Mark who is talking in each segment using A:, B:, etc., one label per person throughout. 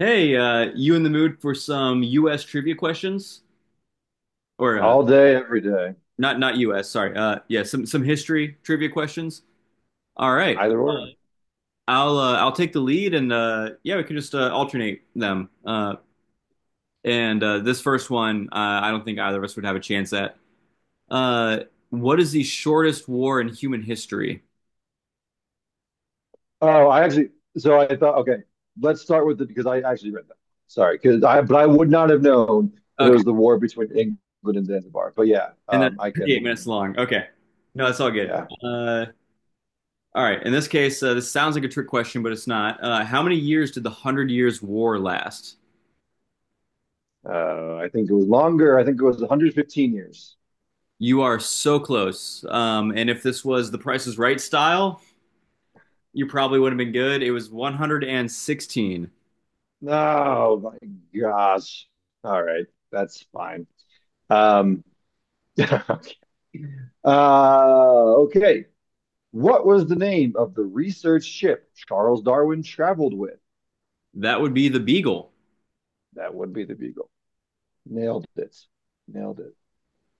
A: Hey, you in the mood for some U.S. trivia questions? Or
B: All day, every day,
A: not not U.S. Sorry. Yeah, some history trivia questions. All right,
B: either or.
A: I'll take the lead, and yeah, we can just alternate them. And This first one, I don't think either of us would have a chance at. Uh, what is the shortest war in human history?
B: Oh, I actually, so I thought, okay, let's start with it because I actually read that. Sorry, because I, but I would not have known that it
A: Okay,
B: was the war between England and Zanzibar. But yeah,
A: and that's 38 minutes long. Okay, no, that's all good.
B: yeah,
A: Uh, all right, in this case, this sounds like a trick question, but it's not. How many years did the Hundred Years' War last?
B: I think it was longer. I think it was 115 years.
A: You are so close. And if this was the Price is Right style, you probably would have been good. It was 116.
B: Oh my gosh. All right, that's fine. Um, uh, okay. What was the name of the research ship Charles Darwin traveled with?
A: That would be the Beagle.
B: That would be the Beagle. Nailed it. Nailed it.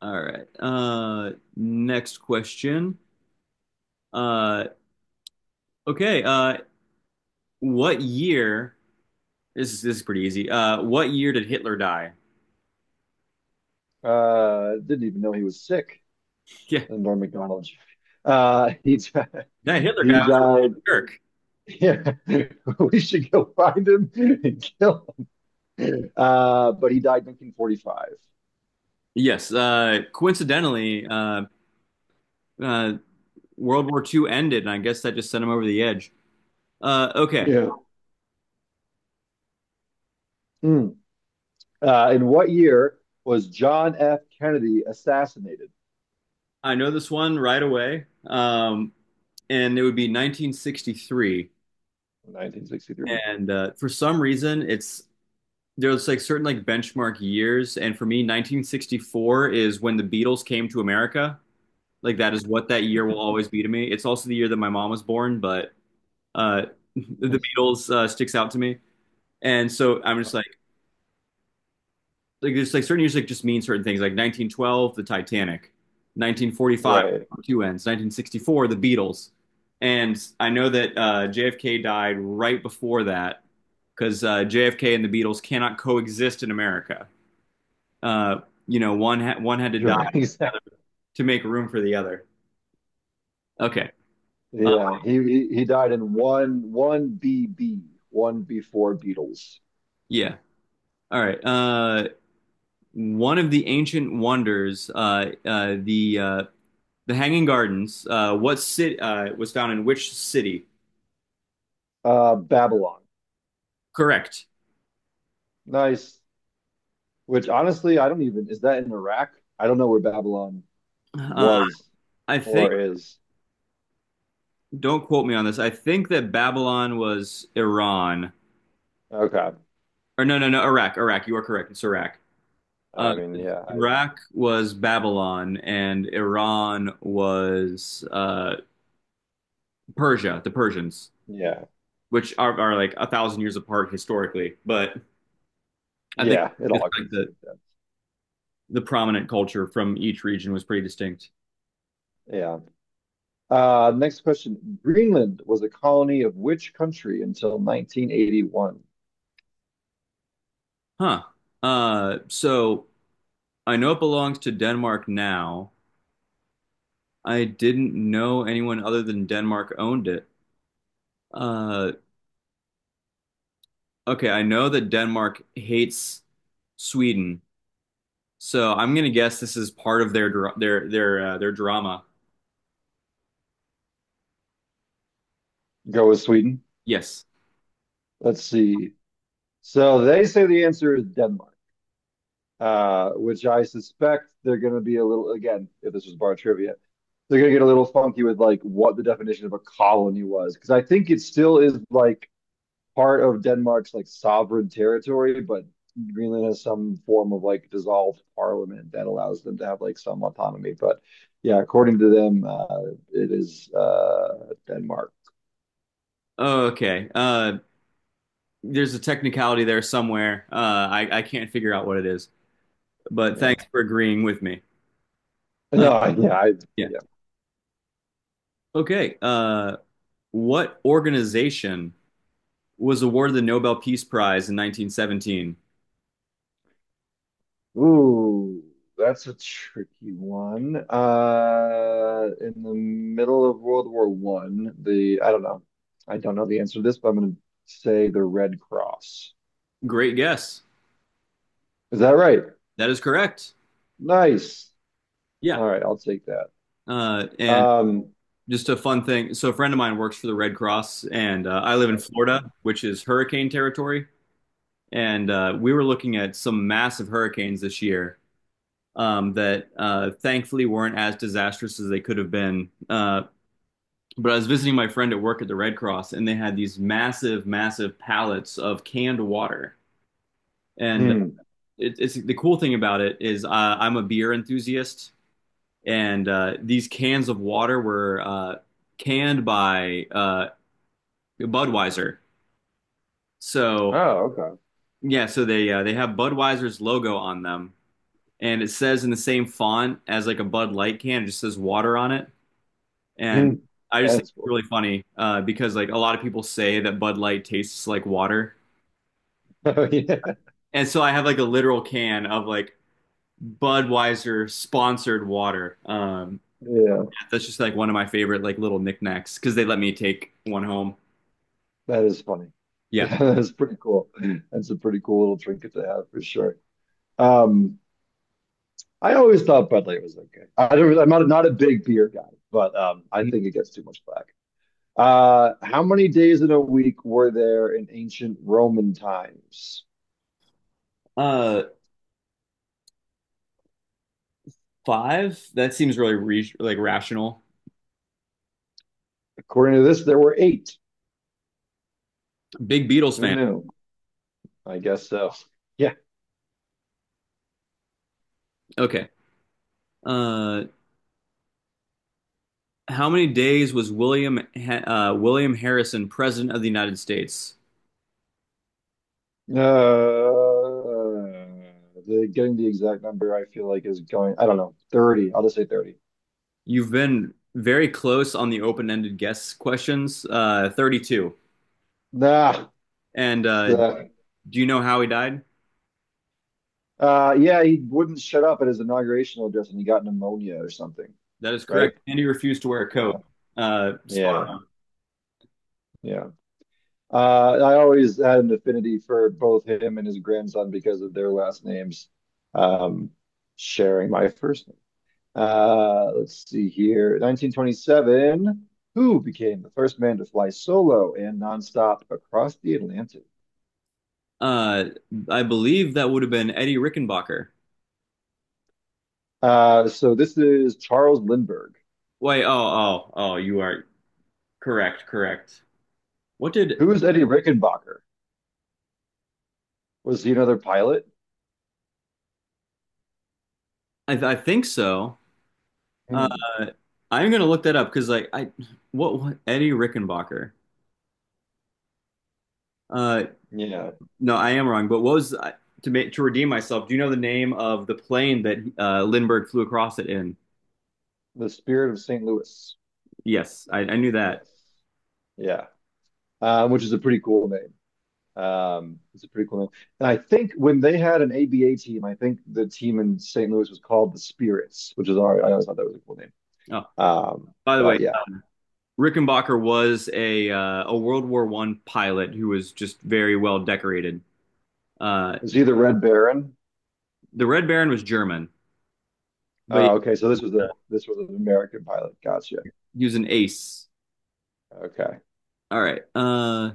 A: All right. Next question. Uh, okay. Uh, what year? This is pretty easy. What year did Hitler die?
B: Didn't even know he was sick. Norm McDonald. He died.
A: Yeah, that Hitler guy
B: He
A: was a real
B: died.
A: jerk.
B: Yeah, we should go find him and kill him. But he died in 1945.
A: Yes. Coincidentally, uh, World War Two ended, and I guess that just sent him over the edge. Okay.
B: Yeah. Mm. In what year was John F. Kennedy assassinated?
A: I know this one right away. And it would be 1963.
B: 1963.
A: And for some reason, it's there's like certain like benchmark years. And for me, 1964 is when the Beatles came to America. Like that is what that year will always be to me. It's also the year that my mom was born, but uh, the
B: Nice.
A: Beatles sticks out to me. And so I'm just like. Like there's like certain music just means certain things. Like 1912, the Titanic, 1945,
B: Right.
A: two ends, 1964, the Beatles. And I know that JFK died right before that because JFK and the Beatles cannot coexist in America. Uh, you know, one had to die
B: Sure. Exactly.
A: to make room for the other. Okay. Uh,
B: Yeah. He died in one one B B one before Beatles.
A: yeah. All right. One of the ancient wonders, the Hanging Gardens. What city was found in which city?
B: Babylon.
A: Correct.
B: Nice. Which honestly, I don't even, is that in Iraq? I don't know where Babylon
A: Uh,
B: was
A: I think,
B: or is.
A: don't quote me on this. I think that Babylon was Iran.
B: Okay.
A: Or no, no, no, Iraq, Iraq. You are correct. It's Iraq. Uh,
B: I mean, yeah,
A: Iraq was Babylon, and Iran was Persia, the Persians,
B: yeah,
A: which are like a thousand years apart historically. But I think
B: yeah, it
A: it's
B: all
A: like
B: gets
A: the,
B: good then.
A: the prominent culture from each region was pretty distinct.
B: Yeah. Next question. Greenland was a colony of which country until 1981?
A: Huh. So I know it belongs to Denmark now. I didn't know anyone other than Denmark owned it. Uh, okay, I know that Denmark hates Sweden, so I'm gonna guess this is part of their their drama.
B: Go with Sweden.
A: Yes.
B: Let's see. So they say the answer is Denmark, which I suspect they're going to be a little, again, if this was bar trivia, they're going to get a little funky with like what the definition of a colony was. Because I think it still is like part of Denmark's like sovereign territory, but Greenland has some form of like dissolved parliament that allows them to have like some autonomy. But yeah, according to them, it is Denmark.
A: Oh, okay. There's a technicality there somewhere. I can't figure out what it is, but
B: Yeah.
A: thanks for agreeing with me. Uh,
B: No, yeah,
A: yeah. Okay. What organization was awarded the Nobel Peace Prize in 1917?
B: ooh, that's a tricky one. In the middle of World War One, the I don't know the answer to this, but I'm gonna say the Red Cross.
A: Great guess.
B: Is that right?
A: That is correct.
B: Nice.
A: Yeah.
B: All right, I'll take that.
A: And
B: Um,
A: just a fun thing. So a friend of mine works for the Red Cross, and I live in
B: that's cool.
A: Florida, which is hurricane territory. And we were looking at some massive hurricanes this year that thankfully weren't as disastrous as they could have been. But I was visiting my friend at work at the Red Cross, and they had these massive, massive pallets of canned water. And uh,
B: Hmm.
A: it's the cool thing about it is I'm a beer enthusiast, and these cans of water were canned by Budweiser. So
B: Oh, okay.
A: yeah, so they have Budweiser's logo on them, and it says in the same font as like a Bud Light can. It just says water on it, and
B: Hmm.
A: I just think
B: That's
A: it's
B: cool.
A: really funny because like a lot of people say that Bud Light tastes like water,
B: Oh yeah,
A: and so I have like a literal can of like Budweiser sponsored water.
B: yeah.
A: That's just like one of my favorite like little knickknacks because they let me take one home.
B: That is funny.
A: Yeah,
B: Yeah, that's pretty cool. That's a pretty cool little trinket to have for sure. Um. I always thought Bud Light was okay. I'm not a big beer guy, but I think it gets too much flack. How many days in a week were there in ancient Roman times?
A: uh, five. That seems really re like rational.
B: According to this, there were eight.
A: Big Beatles
B: Who
A: fan.
B: knew? I guess so. Yeah.
A: Okay. Uh, how many days was William William Harrison president of the United States?
B: Uh, Getting the exact number, I feel like is going. I don't know. 30. I'll just say 30.
A: You've been very close on the open-ended guess questions. 32.
B: Nah.
A: And
B: It's, uh,
A: do you know how he died?
B: yeah, he wouldn't shut up at his inauguration address, and he got pneumonia or something.
A: That is correct.
B: Right?
A: Andy refused to wear a coat.
B: Yeah.
A: Spot.
B: Yeah. Yeah. Uh, I always had an affinity for both him and his grandson because of their last names, um, sharing my first name. Let's see here. 1927, who became the first man to fly solo and nonstop across the Atlantic?
A: Uh, I believe that would have been Eddie Rickenbacker.
B: So this is Charles Lindbergh.
A: Wait, oh, oh, oh, you are correct, correct. What did
B: Who is Eddie Rickenbacker? Was he another pilot?
A: I think so? Uh,
B: Hmm.
A: I'm gonna look that up because what Eddie Rickenbacker? Uh,
B: Yeah.
A: No, I am wrong. But what was to redeem myself? Do you know the name of the plane that Lindbergh flew across it in?
B: The Spirit of St. Louis.
A: Yes, I knew that.
B: Yes. Yeah. Which is a pretty cool name. It's a pretty cool name. And I think when they had an ABA team, I think the team in St. Louis was called the Spirits, I always thought that was a cool name.
A: Oh,
B: Um,
A: by the way,
B: but yeah,
A: Rickenbacker was a World War One pilot who was just very well decorated. Uh,
B: is he the Red Baron?
A: the Red Baron was German, but
B: Okay, so this was
A: uh,
B: the this was an American pilot. Gotcha.
A: he was an ace.
B: Okay,
A: All right. Uh,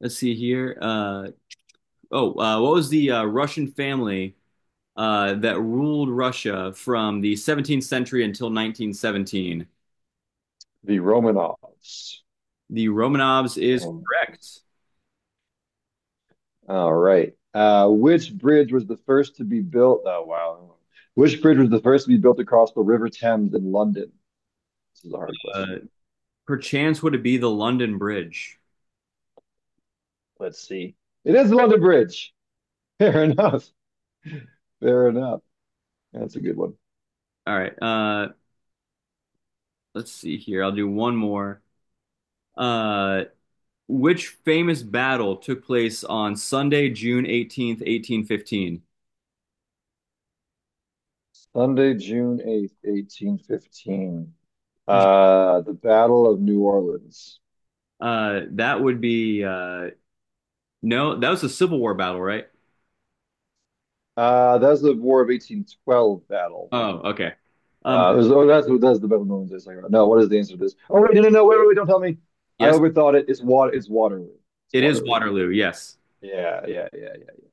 A: let's see here. Uh, Oh, what was the Russian family that ruled Russia from the 17th century until 1917?
B: the Romanovs.
A: The Romanovs is
B: Romanovs.
A: correct.
B: All right. Which bridge was the first to be built? Oh wow. Which bridge was the first to be built across the River Thames in London? This is a hard
A: Uh,
B: question.
A: Perchance would it be the London Bridge?
B: Let's see. It is the London Bridge. Fair enough. Fair enough. That's a good one.
A: All right. Let's see here. I'll do one more. Uh, which famous battle took place on Sunday, June 18th, 1815?
B: Sunday, June 8th, 1815. The Battle of New Orleans.
A: That would be no, that was a Civil War battle, right?
B: That's the War of 1812 battle.
A: Oh, okay. Um,
B: Oh, that's the Battle of New Orleans. I was talking about. No, what is the answer to this? Oh, wait, no, no, no, wait, wait, wait, don't tell me. I
A: yes,
B: overthought it. It's water. It's Waterloo. It's
A: it is
B: Waterloo.
A: Waterloo. Yes.
B: Yeah, yeah, yeah, yeah.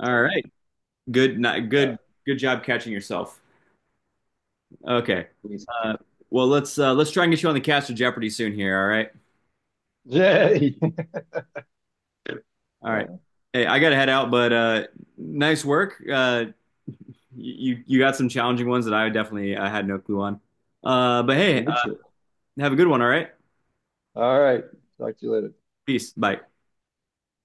A: All
B: Okay.
A: right. Good. Not
B: Uh,
A: good. Good job catching yourself. Okay.
B: we-
A: Uh, well, let's try and get you on the cast of Jeopardy soon here. All right.
B: yeah.
A: All right.
B: Yeah.
A: Hey, I gotta head out, but nice work. You got some challenging ones that I definitely I had no clue on. But hey,
B: Mutual.
A: have a good one. All right.
B: All right. Talk to you later.
A: Peace. Bye.